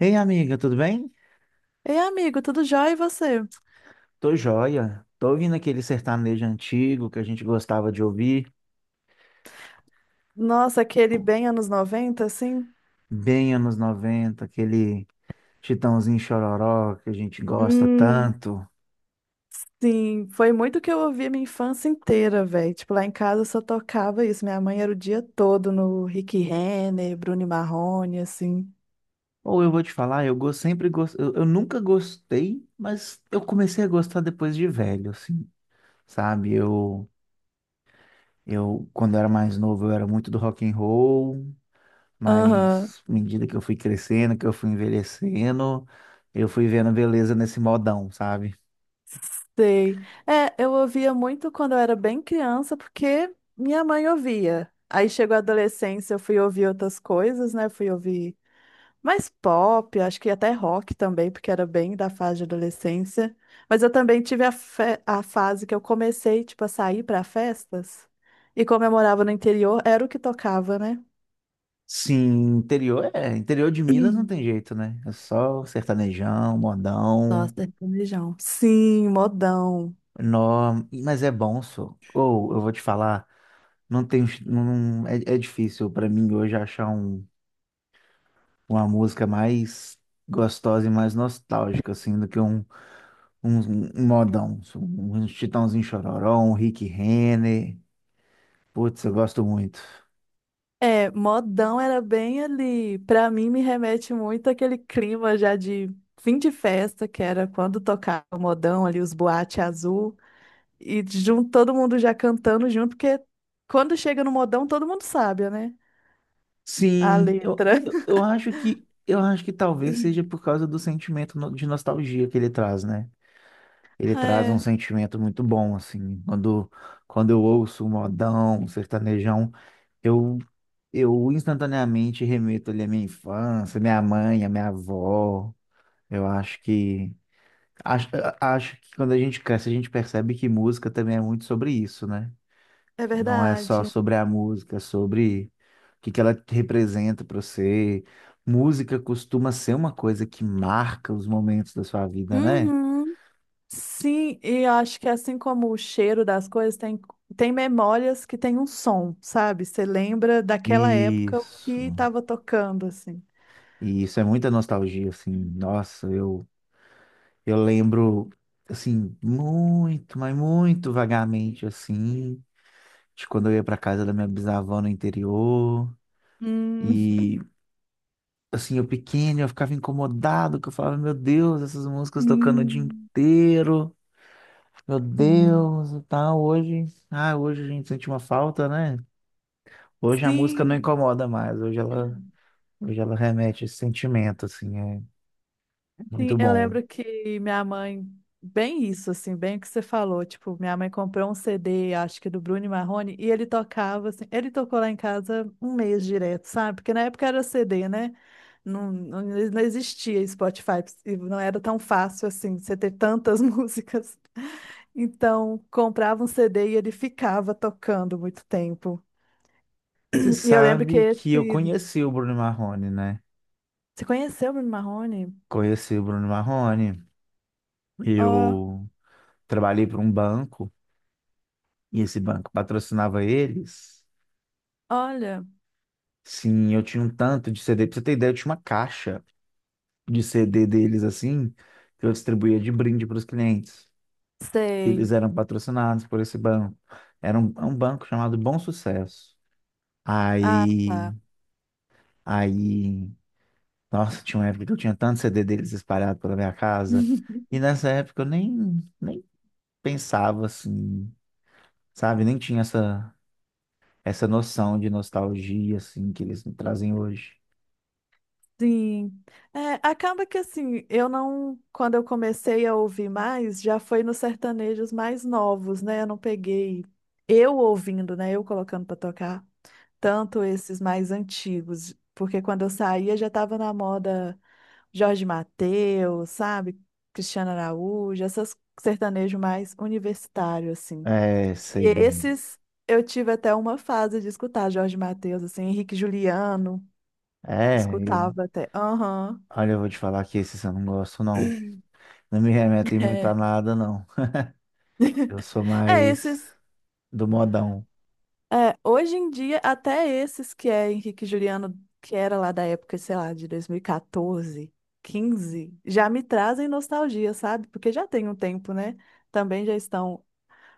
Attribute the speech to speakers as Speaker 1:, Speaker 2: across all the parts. Speaker 1: Ei, amiga, tudo bem?
Speaker 2: Ei, amigo, tudo jóia e você?
Speaker 1: Tô joia. Tô ouvindo aquele sertanejo antigo que a gente gostava de ouvir,
Speaker 2: Nossa, aquele bem anos 90, assim?
Speaker 1: bem anos 90, aquele Chitãozinho Chororó que a gente gosta
Speaker 2: Hum,
Speaker 1: tanto.
Speaker 2: Sim, foi muito que eu ouvi a minha infância inteira, velho. Tipo, lá em casa só tocava isso. Minha mãe era o dia todo no Rick Renner, Bruno e Marrone, assim.
Speaker 1: Ou eu vou te falar, eu nunca gostei, mas eu comecei a gostar depois de velho, assim, sabe? Eu quando era mais novo, eu era muito do rock and roll,
Speaker 2: Aham,
Speaker 1: mas à medida que eu fui crescendo, que eu fui envelhecendo, eu fui vendo beleza nesse modão, sabe?
Speaker 2: sei. É, eu ouvia muito quando eu era bem criança, porque minha mãe ouvia. Aí chegou a adolescência, eu fui ouvir outras coisas, né? Fui ouvir mais pop, acho que até rock também, porque era bem da fase de adolescência. Mas eu também tive a, a fase que eu comecei, tipo, a sair para festas. E como eu morava no interior, era o que tocava, né?
Speaker 1: Sim, interior é. Interior de Minas não tem jeito, né? É só sertanejão, modão.
Speaker 2: Nossa, sertanejão. Sim, modão.
Speaker 1: Nó, mas é bom, só. Ou, eu vou te falar, não tem. Não, é difícil pra mim hoje achar uma música mais gostosa e mais nostálgica, assim, do que um, um modão só. Um Chitãozinho Chororó, um Rick Renner. Putz, eu gosto muito.
Speaker 2: É, modão era bem ali. Pra mim, me remete muito àquele clima já de fim de festa, que era quando tocava o modão ali, os boate azul. E junto, todo mundo já cantando junto, porque quando chega no modão, todo mundo sabe, né? A
Speaker 1: Sim, eu,
Speaker 2: letra.
Speaker 1: eu, eu acho que. Eu acho que talvez seja por causa do sentimento de nostalgia que ele traz, né? Ele traz um
Speaker 2: É,
Speaker 1: sentimento muito bom, assim. Quando eu ouço um modão, um sertanejão, eu, eu instantaneamente remeto ali à minha infância, minha mãe, à minha avó. Eu acho que. Acho, acho que quando a gente cresce, a gente percebe que música também é muito sobre isso, né?
Speaker 2: é
Speaker 1: Não é só
Speaker 2: verdade.
Speaker 1: sobre a música, é sobre o que que ela representa para você. Música costuma ser uma coisa que marca os momentos da sua vida, né?
Speaker 2: Uhum. Sim, e eu acho que assim como o cheiro das coisas, tem memórias que tem um som, sabe? Você lembra daquela época o que
Speaker 1: Isso.
Speaker 2: estava tocando, assim.
Speaker 1: E isso é muita nostalgia, assim. Nossa, eu lembro, assim, muito, mas muito vagamente, assim, de quando eu ia para casa da minha bisavó no interior.
Speaker 2: Hum,
Speaker 1: E, assim, eu pequeno, eu ficava incomodado, que eu falava, meu Deus, essas músicas tocando o dia
Speaker 2: sim,
Speaker 1: inteiro, meu
Speaker 2: sim.
Speaker 1: Deus, e tal. Hoje a gente sente uma falta, né? Hoje a música não
Speaker 2: Sim,
Speaker 1: incomoda mais, hoje ela remete esse sentimento, assim, é
Speaker 2: Sim,
Speaker 1: muito
Speaker 2: eu
Speaker 1: bom.
Speaker 2: lembro que minha mãe, bem isso, assim, bem o que você falou, tipo, minha mãe comprou um CD, acho que do Bruno e Marrone, e ele tocava, assim, ele tocou lá em casa um mês direto, sabe? Porque na época era CD, né? Não, não, não existia Spotify, e não era tão fácil, assim, você ter tantas músicas. Então, comprava um CD e ele ficava tocando muito tempo.
Speaker 1: Você
Speaker 2: E eu lembro que
Speaker 1: sabe que eu
Speaker 2: esse...
Speaker 1: conheci o Bruno Marrone, né?
Speaker 2: Você conheceu o Bruno Marrone?
Speaker 1: Conheci o Bruno Marrone.
Speaker 2: Ó,
Speaker 1: Eu trabalhei para um banco e esse banco patrocinava eles.
Speaker 2: olha,
Speaker 1: Sim, eu tinha um tanto de CD. Pra você ter ideia, eu tinha uma caixa de CD deles assim, que eu distribuía de brinde para os clientes.
Speaker 2: sei.
Speaker 1: Eles eram patrocinados por esse banco. Era um banco chamado Bom Sucesso.
Speaker 2: Ah,
Speaker 1: Aí,
Speaker 2: tá.
Speaker 1: aí, nossa, tinha uma época que eu tinha tanto CD deles espalhado pela minha casa. E nessa época eu nem pensava assim, sabe? Nem tinha essa noção de nostalgia assim que eles me trazem hoje.
Speaker 2: Sim. É, acaba que assim, eu não, quando eu comecei a ouvir mais, já foi nos sertanejos mais novos, né? Eu não peguei eu ouvindo, né? Eu colocando pra tocar tanto esses mais antigos, porque quando eu saía já tava na moda Jorge Mateus, sabe? Cristiano Araújo, essas sertanejo mais universitário assim.
Speaker 1: É, sei
Speaker 2: E
Speaker 1: bem.
Speaker 2: esses eu tive até uma fase de escutar Jorge Mateus, assim, Henrique Juliano.
Speaker 1: É, e
Speaker 2: Escutava até. Aham.
Speaker 1: olha, eu vou te falar que esses eu não gosto, não. Não me remetem muito
Speaker 2: É.
Speaker 1: a nada, não. Eu sou
Speaker 2: É,
Speaker 1: mais
Speaker 2: esses.
Speaker 1: do modão.
Speaker 2: É, hoje em dia, até esses que é Henrique e Juliano, que era lá da época, sei lá, de 2014, 15 já me trazem nostalgia, sabe? Porque já tem um tempo, né? Também já estão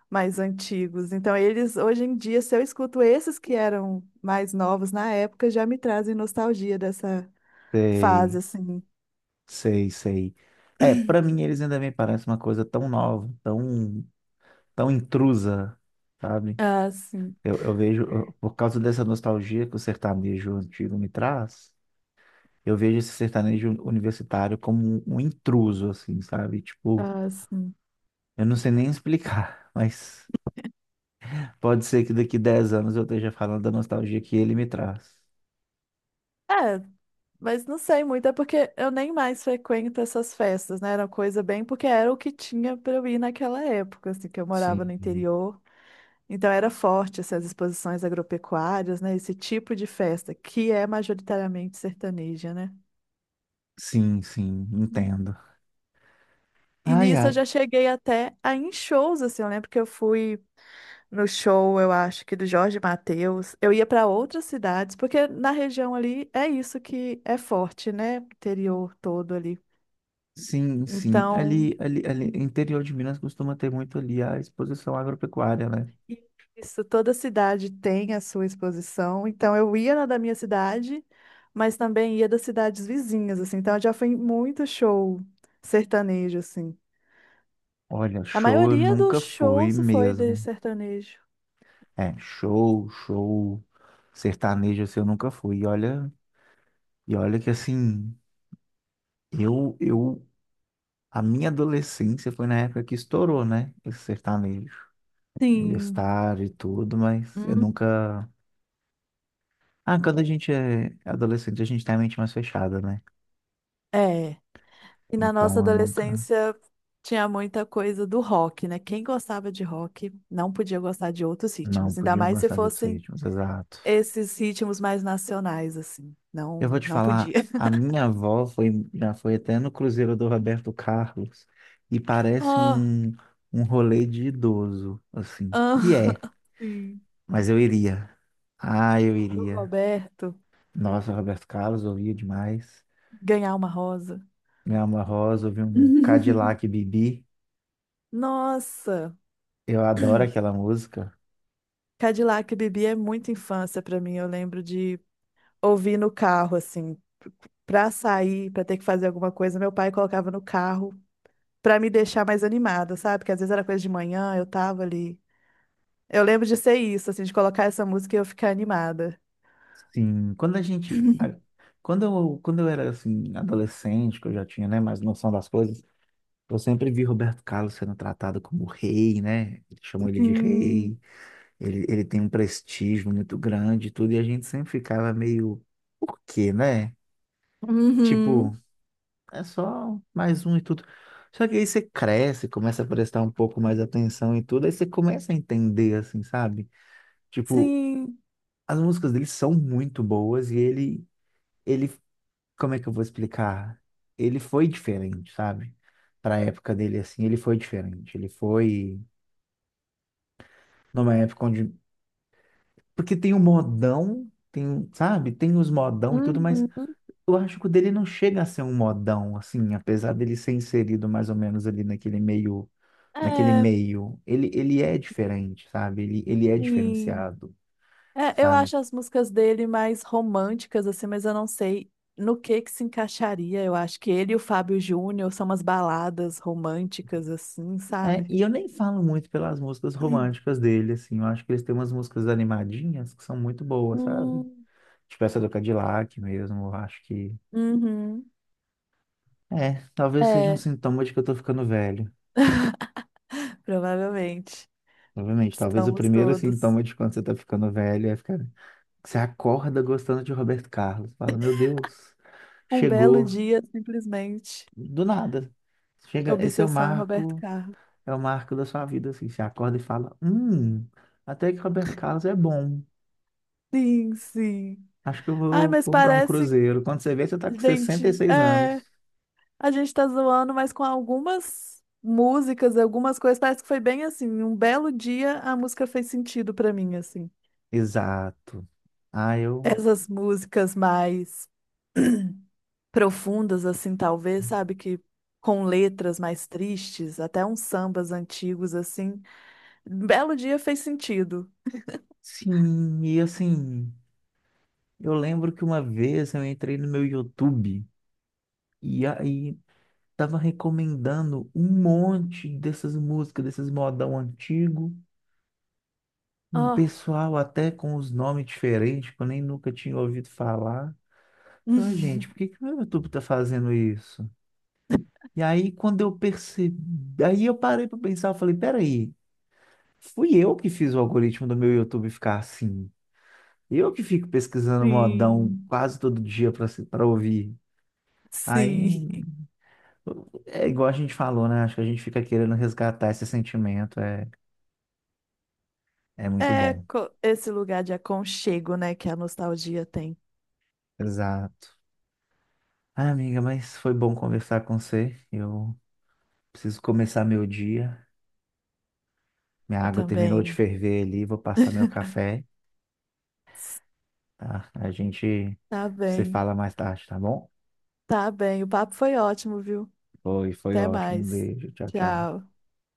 Speaker 2: mais antigos. Então, eles, hoje em dia, se eu escuto esses que eram mais novos na época, já me trazem nostalgia dessa fase,
Speaker 1: Sei,
Speaker 2: assim.
Speaker 1: sei, sei. É, pra mim eles ainda me parecem uma coisa tão nova, tão intrusa, sabe?
Speaker 2: Ah, sim.
Speaker 1: Por causa dessa nostalgia que o sertanejo antigo me traz, eu vejo esse sertanejo universitário como um intruso, assim, sabe? Tipo,
Speaker 2: Ah, sim.
Speaker 1: eu não sei nem explicar, mas pode ser que daqui 10 anos eu esteja falando da nostalgia que ele me traz.
Speaker 2: É, mas não sei muito, é porque eu nem mais frequento essas festas, né? Era coisa bem porque era o que tinha pra eu ir naquela época, assim, que eu morava no
Speaker 1: Sim.
Speaker 2: interior. Então era forte essas exposições agropecuárias, né? Esse tipo de festa, que é majoritariamente sertaneja, né?
Speaker 1: Sim, sim,
Speaker 2: Hum.
Speaker 1: entendo.
Speaker 2: E
Speaker 1: Ai,
Speaker 2: nisso eu
Speaker 1: ai.
Speaker 2: já cheguei até a ir em shows, assim, eu lembro que eu fui no show, eu acho que do Jorge Mateus. Eu ia para outras cidades, porque na região ali é isso que é forte, né? Interior todo ali.
Speaker 1: Sim, sim.
Speaker 2: Então,
Speaker 1: Ali, interior de Minas costuma ter muito ali a exposição agropecuária, né?
Speaker 2: isso, toda cidade tem a sua exposição. Então, eu ia na da minha cidade, mas também ia das cidades vizinhas, assim. Então, eu já fui em muito show sertanejo, assim.
Speaker 1: Olha,
Speaker 2: A
Speaker 1: show eu
Speaker 2: maioria dos
Speaker 1: nunca fui
Speaker 2: shows foi de
Speaker 1: mesmo.
Speaker 2: sertanejo.
Speaker 1: É, show, sertanejo assim eu nunca fui. E olha que assim, eu a minha adolescência foi na época que estourou, né? Esse sertanejo
Speaker 2: Sim.
Speaker 1: universitário e tudo, mas eu
Speaker 2: Hum,
Speaker 1: nunca. Ah, quando a gente é adolescente, a gente tem a mente mais fechada, né?
Speaker 2: é. E na nossa
Speaker 1: Então eu nunca.
Speaker 2: adolescência tinha muita coisa do rock, né? Quem gostava de rock não podia gostar de outros
Speaker 1: Não,
Speaker 2: ritmos, ainda
Speaker 1: podia
Speaker 2: mais se
Speaker 1: gostar de outros
Speaker 2: fossem
Speaker 1: ritmos, exato.
Speaker 2: esses ritmos mais nacionais, assim.
Speaker 1: Eu vou
Speaker 2: Não,
Speaker 1: te
Speaker 2: não
Speaker 1: falar,
Speaker 2: podia.
Speaker 1: a minha avó já foi até no Cruzeiro do Roberto Carlos e parece
Speaker 2: Oh,
Speaker 1: um rolê de idoso, assim. E
Speaker 2: ah,
Speaker 1: é,
Speaker 2: sim.
Speaker 1: mas eu iria. Ah, eu
Speaker 2: Do
Speaker 1: iria.
Speaker 2: Roberto
Speaker 1: Nossa, Roberto Carlos, ouvia demais.
Speaker 2: ganhar uma rosa.
Speaker 1: Me Alma Rosa, ouvi um Cadillac Bibi.
Speaker 2: Nossa,
Speaker 1: Eu adoro aquela música.
Speaker 2: Cadillac e Bibi é muita infância pra mim. Eu lembro de ouvir no carro assim, pra sair, pra ter que fazer alguma coisa, meu pai colocava no carro pra me deixar mais animada, sabe? Porque às vezes era coisa de manhã, eu tava ali. Eu lembro de ser isso, assim, de colocar essa música e eu ficar animada.
Speaker 1: Sim, quando a gente. A- Quando eu era assim, adolescente, que eu já tinha, né, mais noção das coisas, eu sempre vi Roberto Carlos sendo tratado como rei, né? Eles chamam ele de
Speaker 2: Sim.
Speaker 1: rei, ele tem um prestígio muito grande e tudo, e a gente sempre ficava meio, por quê, né?
Speaker 2: Uhum.
Speaker 1: Tipo, é só mais um e tudo. Só que aí você cresce, começa a prestar um pouco mais atenção e tudo, aí você começa a entender, assim, sabe? Tipo,
Speaker 2: Sim.
Speaker 1: as músicas dele são muito boas ele, como é que eu vou explicar? Ele foi diferente, sabe? Pra época dele, assim, ele foi diferente. Ele foi numa época onde. Porque tem o modão, sabe? Tem os modão e tudo, mas
Speaker 2: Uhum.
Speaker 1: eu acho que o dele não chega a ser um modão, assim, apesar dele ser inserido mais ou menos ali naquele meio. Naquele
Speaker 2: É,
Speaker 1: meio. Ele é diferente, sabe? Ele é
Speaker 2: sim.
Speaker 1: diferenciado,
Speaker 2: É, eu
Speaker 1: sabe?
Speaker 2: acho as músicas dele mais românticas, assim, mas eu não sei no que se encaixaria. Eu acho que ele e o Fábio Júnior são umas baladas românticas, assim,
Speaker 1: É,
Speaker 2: sabe?
Speaker 1: e eu nem falo muito pelas músicas românticas dele, assim. Eu acho que eles têm umas músicas animadinhas que são muito boas, sabe?
Speaker 2: Hum,
Speaker 1: Tipo essa do Cadillac mesmo, eu acho que.
Speaker 2: Uhum.
Speaker 1: É, talvez seja um
Speaker 2: É,
Speaker 1: sintoma de que eu tô ficando velho.
Speaker 2: provavelmente.
Speaker 1: Obviamente, talvez o
Speaker 2: Estamos
Speaker 1: primeiro
Speaker 2: todos.
Speaker 1: sintoma de quando você tá ficando velho é ficar. Você acorda gostando de Roberto Carlos. Fala, meu Deus,
Speaker 2: Um belo
Speaker 1: chegou
Speaker 2: dia, simplesmente.
Speaker 1: do nada. Chega, esse
Speaker 2: Obsessão em Roberto Carlos.
Speaker 1: é o marco da sua vida, assim. Você acorda e fala, até que Roberto Carlos é bom.
Speaker 2: Sim, sim.
Speaker 1: Acho que eu
Speaker 2: Ai,
Speaker 1: vou
Speaker 2: mas
Speaker 1: comprar um
Speaker 2: parece.
Speaker 1: cruzeiro. Quando você vê, você tá com sessenta e
Speaker 2: Gente,
Speaker 1: seis
Speaker 2: é.
Speaker 1: anos.
Speaker 2: A gente tá zoando, mas com algumas músicas, algumas coisas, parece que foi bem assim, um belo dia a música fez sentido pra mim, assim.
Speaker 1: Exato. Ah, eu.
Speaker 2: Essas músicas mais profundas, assim, talvez, sabe, que com letras mais tristes, até uns sambas antigos, assim, um belo dia fez sentido.
Speaker 1: Sim, e assim, eu lembro que uma vez eu entrei no meu YouTube e aí tava recomendando um monte dessas músicas, desses modão antigo, um
Speaker 2: Ah,
Speaker 1: pessoal até com os nomes diferentes, que eu nem nunca tinha ouvido falar. Falei, "Ah, gente, por que que o meu YouTube tá fazendo isso?" E aí, quando eu percebi, aí eu parei para pensar, eu falei, peraí. Fui eu que fiz o algoritmo do meu YouTube ficar assim. Eu que fico pesquisando modão
Speaker 2: sim,
Speaker 1: quase todo dia para ouvir. Aí
Speaker 2: sim.
Speaker 1: é igual a gente falou, né? Acho que a gente fica querendo resgatar esse sentimento. É muito
Speaker 2: É
Speaker 1: bom.
Speaker 2: co- esse lugar de aconchego, né, que a nostalgia tem.
Speaker 1: Exato. Ah, amiga, mas foi bom conversar com você. Eu preciso começar meu dia. Minha
Speaker 2: Eu
Speaker 1: água terminou de
Speaker 2: também.
Speaker 1: ferver ali, vou passar meu café, tá? A gente
Speaker 2: Tá
Speaker 1: se
Speaker 2: bem.
Speaker 1: fala mais tarde, tá bom?
Speaker 2: Tá bem, o papo foi ótimo, viu?
Speaker 1: Foi
Speaker 2: Até
Speaker 1: ótimo. Um
Speaker 2: mais.
Speaker 1: beijo. Tchau, tchau.
Speaker 2: Tchau.